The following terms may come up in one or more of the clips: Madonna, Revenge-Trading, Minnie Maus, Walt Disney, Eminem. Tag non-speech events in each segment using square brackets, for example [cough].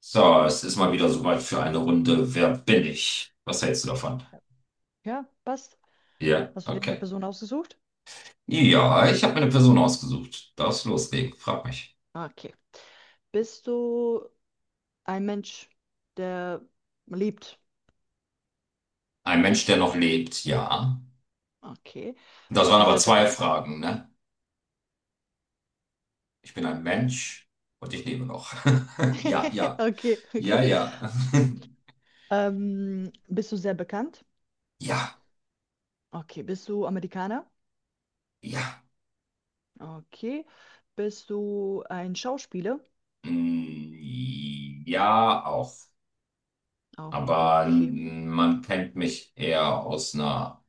So, es ist mal wieder soweit für eine Runde. Wer bin ich? Was hältst du davon? Ja, passt. Ja, Hast du dir eine okay. Person ausgesucht? Ja, ich habe mir eine Person ausgesucht. Darfst loslegen, frag mich. Ah, Okay. Bist du ein Mensch, der liebt? Ein Mensch, der noch lebt, ja. Okay. Das Bist waren du aber sehr zwei bekannt? Fragen, ne? Ich bin ein Mensch und ich lebe noch. [laughs] Ja, [laughs] ja. Okay, Ja, okay. ja. [laughs] Bist du sehr bekannt? Ja, Okay. Bist du Amerikaner? ja. Okay. Bist du ein Schauspieler? Mm, ja, auch. Auch Aber okay, man kennt mich eher aus einer,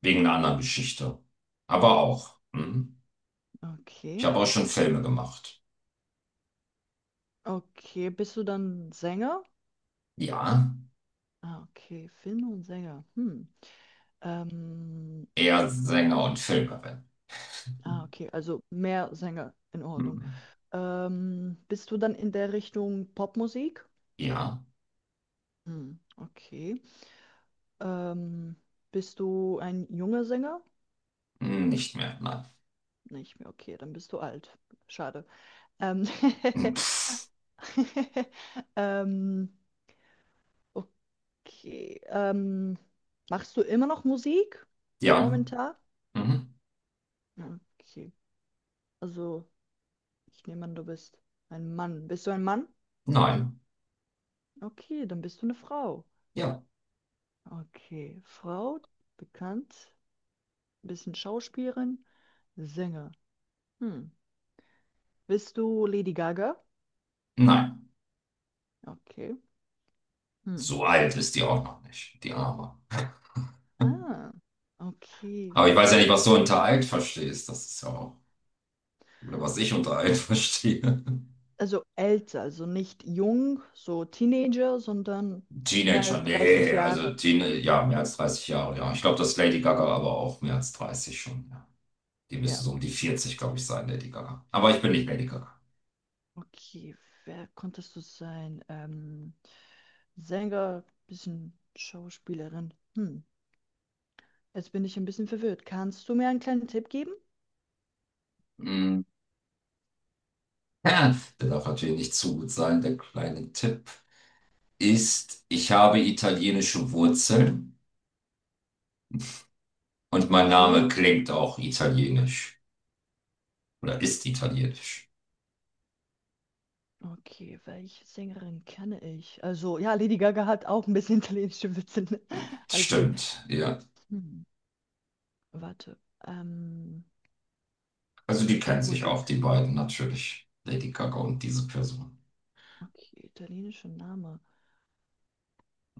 wegen einer anderen Geschichte. Aber auch. Mhm. Ich okay. habe auch schon Filme gemacht. Okay. Bist du dann Sänger? Ja, Ah, okay. Film und Sänger. Hm. Ähm, eher Sänger und Filmerin. ah, okay. Also mehr Sänger in Ordnung. Hm. Bist du dann in der Richtung Popmusik? Ja, Hm, okay. Ähm, bist du ein junger Sänger? Nicht mehr, nein. [laughs] Nicht mehr, okay, dann bist du alt. Schade. Ähm, Hm, pff. [laughs] ähm, okay. Machst du immer noch Musik Ja, momentan? mhm. Okay. Also, ich nehme an, du bist ein Mann. Bist du ein Mann? Nein, Okay, dann bist du eine Frau. ja, Okay. Frau, bekannt, bisschen Schauspielerin. Sänger. Hm. Bist du Lady Gaga? nein. Okay. Hm. So alt ist die auch noch nicht, die Arme. Ah, okay. Aber ich Wen weiß ja nicht, kennt. was du unter alt verstehst. Das ist ja auch, oder was ich unter alt [laughs] verstehe. Also älter, also nicht jung, so Teenager, sondern mehr Teenager, als 30 nee, also Jahre. Teen, ja, mehr als 30 Jahre, ja. Ich glaube, das ist Lady Gaga aber auch mehr als 30 schon, ja. Die müsste Ja. so um die Ja. 40, glaube ich, sein, Lady Gaga. Aber ich bin nicht Lady Gaga. Okay, wer konntest du sein? Sänger, bisschen Schauspielerin. Hm. Jetzt bin ich ein bisschen verwirrt. Kannst du mir einen kleinen Tipp geben? Mhm. Ja. Der darf natürlich nicht zu gut sein, der kleine Tipp ist, ich habe italienische Wurzeln und mein Name Okay. klingt auch italienisch oder ist italienisch. Okay, welche Sängerin kenne ich? Also, ja, Lady Gaga hat auch ein bisschen [laughs] italienische Witze. Ne? [laughs] Alles gut. Stimmt, ja. Hm, warte. Ähm, Also die kennen sich auch, Popmusik. die beiden natürlich, Lady Gaga und diese Person. Okay, italienischer Name.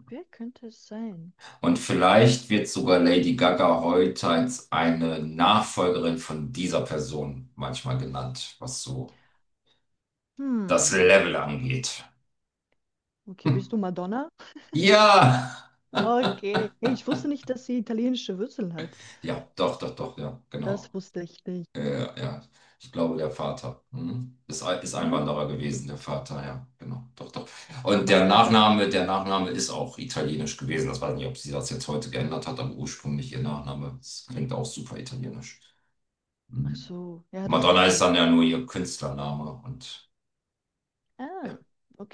Wer könnte es sein? Und vielleicht wird sogar Lady Gaga heute als eine Nachfolgerin von dieser Person manchmal genannt, was so das Hm. Level angeht. Okay, bist du [laughs] Madonna? Ja, Okay. Hey, ich wusste nicht, dass sie italienische Wurzeln hat. ja, doch, doch, doch, ja, Das genau. wusste ich nicht. Ja, ja. Ich glaube, der Vater. Mhm. Ist Ah, Einwanderer okay. gewesen, der Vater, ja, genau. Doch, doch. Ja, Und man der lernt Sachen am Nachname, der Tag. Nachname ist auch italienisch gewesen. Das weiß ich nicht, ob sie das jetzt heute geändert hat, aber ursprünglich ihr Nachname. Das klingt auch super italienisch. Ach Mhm. so, ja, das Madonna wusste ist dann ich ja nicht. nur ihr Künstlername und ja, Ah,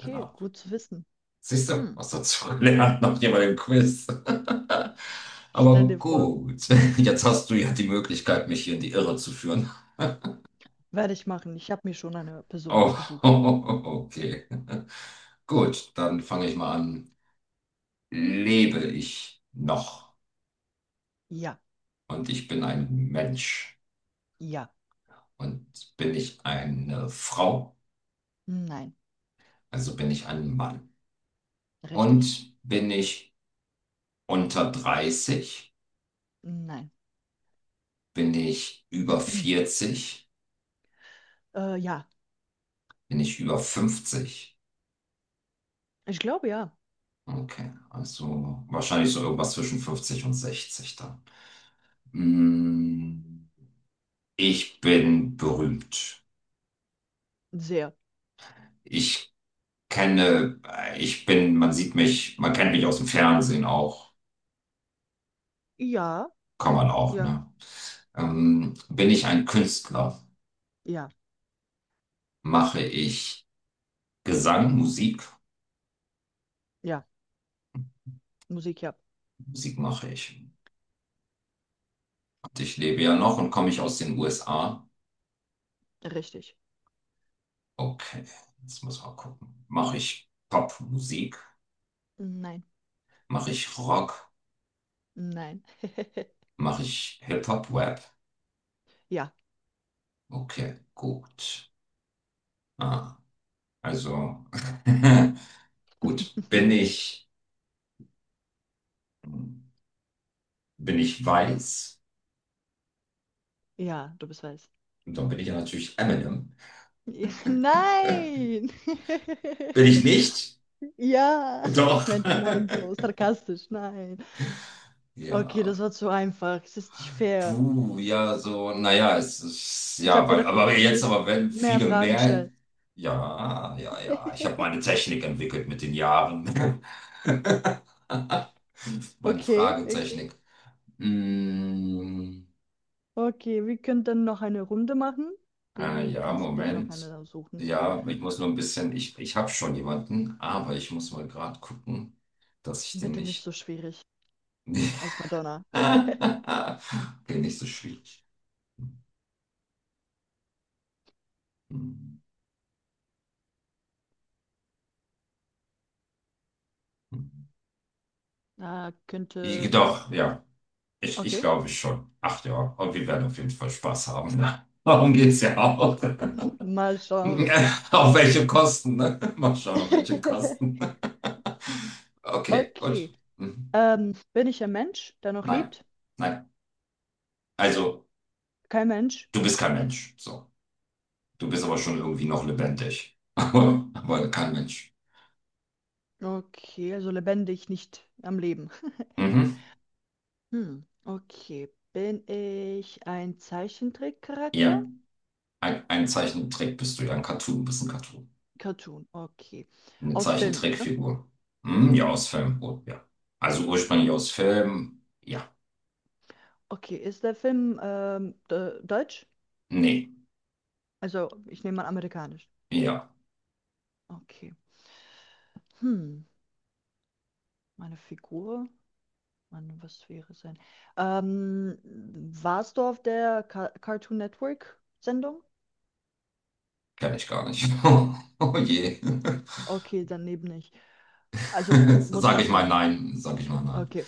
genau. Name. gut zu wissen. Siehst du, Hm. was dazu gelernt nach jeweiligen Quiz. [laughs] Aber Stell dir vor. gut, jetzt hast du ja die Möglichkeit, mich hier in die Irre zu führen. Werde ich machen. Ich habe mir schon eine Person Oh, ausgesucht. [laughs] okay. Gut, dann fange ich mal an. Lebe ich noch? Ja, Und ich bin ein Mensch. ja, Und bin ich eine Frau? nein, Also bin ich ein Mann. richtig, Und bin ich unter 30? nein. Bin ich über [clears throat] 40? Ja, Bin ich über 50? ich glaube ja. Okay, also wahrscheinlich so irgendwas zwischen 50 und 60 dann. Mm, Ich bin berühmt. Sehr. Ich kenne, ich bin, Man sieht mich, man kennt mich aus dem Fernsehen auch, Ja, kann man auch, ja, ne? Bin ich ein Künstler? ja, Mache ich Gesang, Musik? ja. Musik ja. Musik mache ich. Und ich lebe ja noch und komme ich aus den USA. Richtig. Okay, jetzt muss man gucken. Mache ich Popmusik? Nein, Mache ich Rock? nein. [laughs] Mache ich Hip-Hop-Rap? Ja, Okay, gut. Ah, also, [laughs] gut. Bin ich weiß? ja, du bist weiß. Und dann bin ich ja natürlich Eminem. Ja, [laughs] nein! Bin ich [laughs] nicht? Ja, ich Doch. meinte nein, so [laughs] sarkastisch, nein. Okay, Ja. das war zu einfach. Es ist nicht fair. Puh, ja, so, naja, es ist, Ich ja, habe weil, gedacht, aber du jetzt willst aber, wenn mehr viele Fragen mehr, stellen. ja, ja, ja, ich habe meine [laughs] Technik entwickelt mit den Jahren. [laughs] Meine Okay, okay. Fragetechnik. Mm, Okay, wir können dann noch eine Runde machen. Du ja, kannst dir dann noch Moment. eine suchen. Ja, ich muss nur ein bisschen, ich habe schon jemanden, aber ich muss mal gerade gucken, dass ich den Bitte nicht nicht. so schwierig [laughs] als Madonna. [laughs] Okay, nicht so schwierig. Hm, hm. Ah, könnte. Doch, ja. Ich Okay. glaube schon. Ach ja, und wir werden auf jeden Fall Spaß haben. Ne? [laughs] Darum geht's ja Okay. auch. [laughs] [laughs] Mal schauen. Auf welche Kosten, ne? [laughs] Mal schauen, auf welche Kosten. [laughs] [laughs] Okay, gut. Okay. Mhm. Bin ich ein Mensch, der noch Nein, lebt? nein. Also, Kein Mensch. du bist kein Mensch. So. Du bist aber schon Okay, irgendwie noch lebendig. [laughs] Aber kein Mensch. Okay, also lebendig, nicht am Leben. [laughs] Mhm. Hm, okay. Bin ich ein Zeichentrickcharakter? Ja, ein Zeichentrick bist du ja. Ein Cartoon, bist ein Cartoon. Cartoon, okay. Eine Aus Filmen, ne? Zeichentrickfigur. Hm, ja, aus Film. Oh, ja. Also ursprünglich aus Film. Ja. Okay, ist der Film deutsch? Nee. Also, ich nehme an, amerikanisch. Ja. Okay. Hm, meine Figur? Mann, was wäre sein? Ähm, warst du auf der Cartoon Network Sendung? Kenne ich gar nicht. [laughs] Oh je. [laughs] Okay, dann eben nicht. Also, muss Sag ich nicht mal sein. nein. Sag ich mal nein. Okay,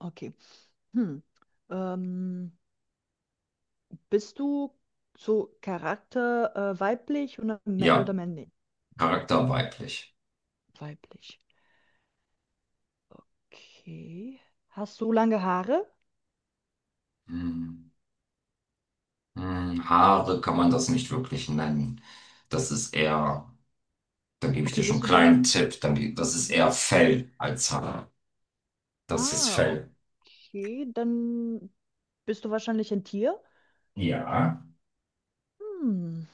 okay. Hm. Ähm, bist du so Charakter weiblich oder Ja. männlich? Charakter weiblich. Weiblich. Okay. Hast du lange Haare? Hm. Haare kann man das nicht wirklich nennen. Das ist eher, da gebe ich Okay, dir schon bist einen du dann. kleinen Tipp. Dann, das ist Mhm. eher Fell als Haare. Das ist Ah, Fell. okay. Dann bist du wahrscheinlich ein Tier. Ja. Hm.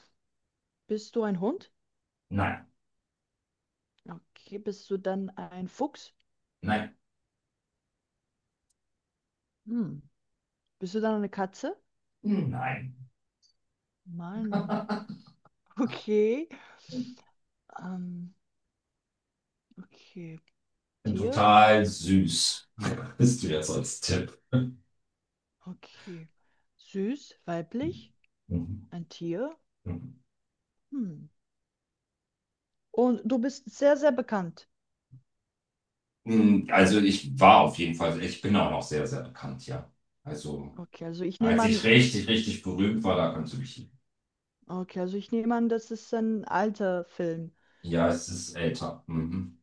Bist du ein Hund? Nein. Okay. Bist du dann ein Fuchs? Nein. Hm. Bist du dann eine Katze? Hm, nein. Mann. [laughs] [laughs] Okay. Ähm, okay. Bin Tier? total süß. [laughs] Bist du jetzt als Tipp? Okay. Süß, weiblich, Mhm. ein Tier? Mhm. Hm. Und du bist sehr, sehr bekannt. Also ich war auf jeden Fall, ich bin auch noch sehr, sehr bekannt, ja. Also Okay, also ich nehme als ich an, richtig, richtig berühmt war, da kannst du mich. okay, also ich nehme an, das ist ein alter Film. Ja, es ist älter. Mhm.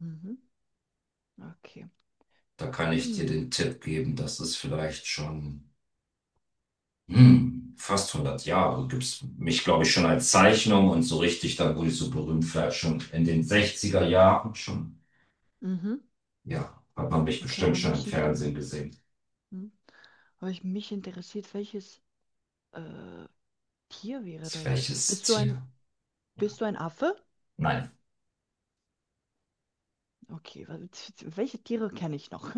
Mhm. Okay. Da kann ich dir Hm. den Tipp geben, dass es vielleicht schon fast 100 Jahre gibt's mich, glaube ich, schon als Zeichnung und so richtig, dann wurde ich so berühmt, vielleicht schon in den 60er Jahren schon. Mhm. Ja, hat man mich Okay, bestimmt aber schon im mich, inter- Fernsehen gesehen. hm? Aber mich interessiert, welches äh, Tier wäre das? Welches Bist du ein, Tier? bist du ein Affe? Nein. Okay, [laughs] welche Tiere kenne ich noch?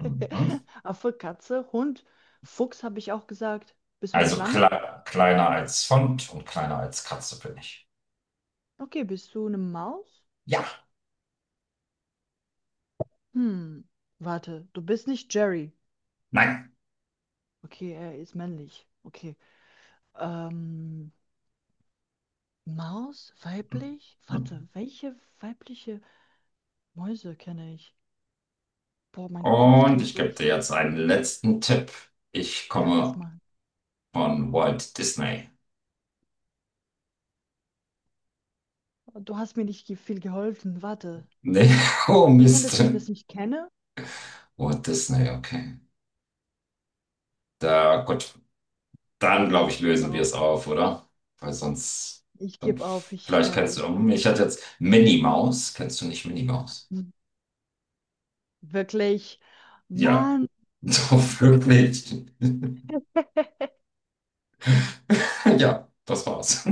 Mhm. [laughs] Affe, Katze, Hund, Fuchs habe ich auch gesagt. Bist du eine Also Schlange? Kleiner als Font und kleiner als Katze bin ich. Okay, bist du eine Maus? Ja, Hm, warte, du bist nicht Jerry. nein. Okay, er ist männlich. Okay. Ähm, Maus, weiblich? Mhm. Warte, welche weibliche Mäuse kenne ich? Boah, mein Kopf Und dreht ich gebe dir durch. jetzt einen letzten Tipp. Ich Ja, kannst komme machen. von Walt Disney. Du hast mir nicht ge- viel geholfen. Warte. Nee, [laughs] oh Wo ist denn, dass Mist. ich das nicht kenne? Walt Disney, okay. Da, gut, dann Nee, glaube ich, ich gebe lösen wir auf. es auf, oder? Weil sonst, Ich dann, gebe auf. Ich vielleicht kann, kennst du, ich weiß. um, ich hatte jetzt Minnie Maus. Kennst du nicht Minnie Maus? Wirklich. Ja, Mann. [laughs] so wirklich. [laughs] Ja, das war's.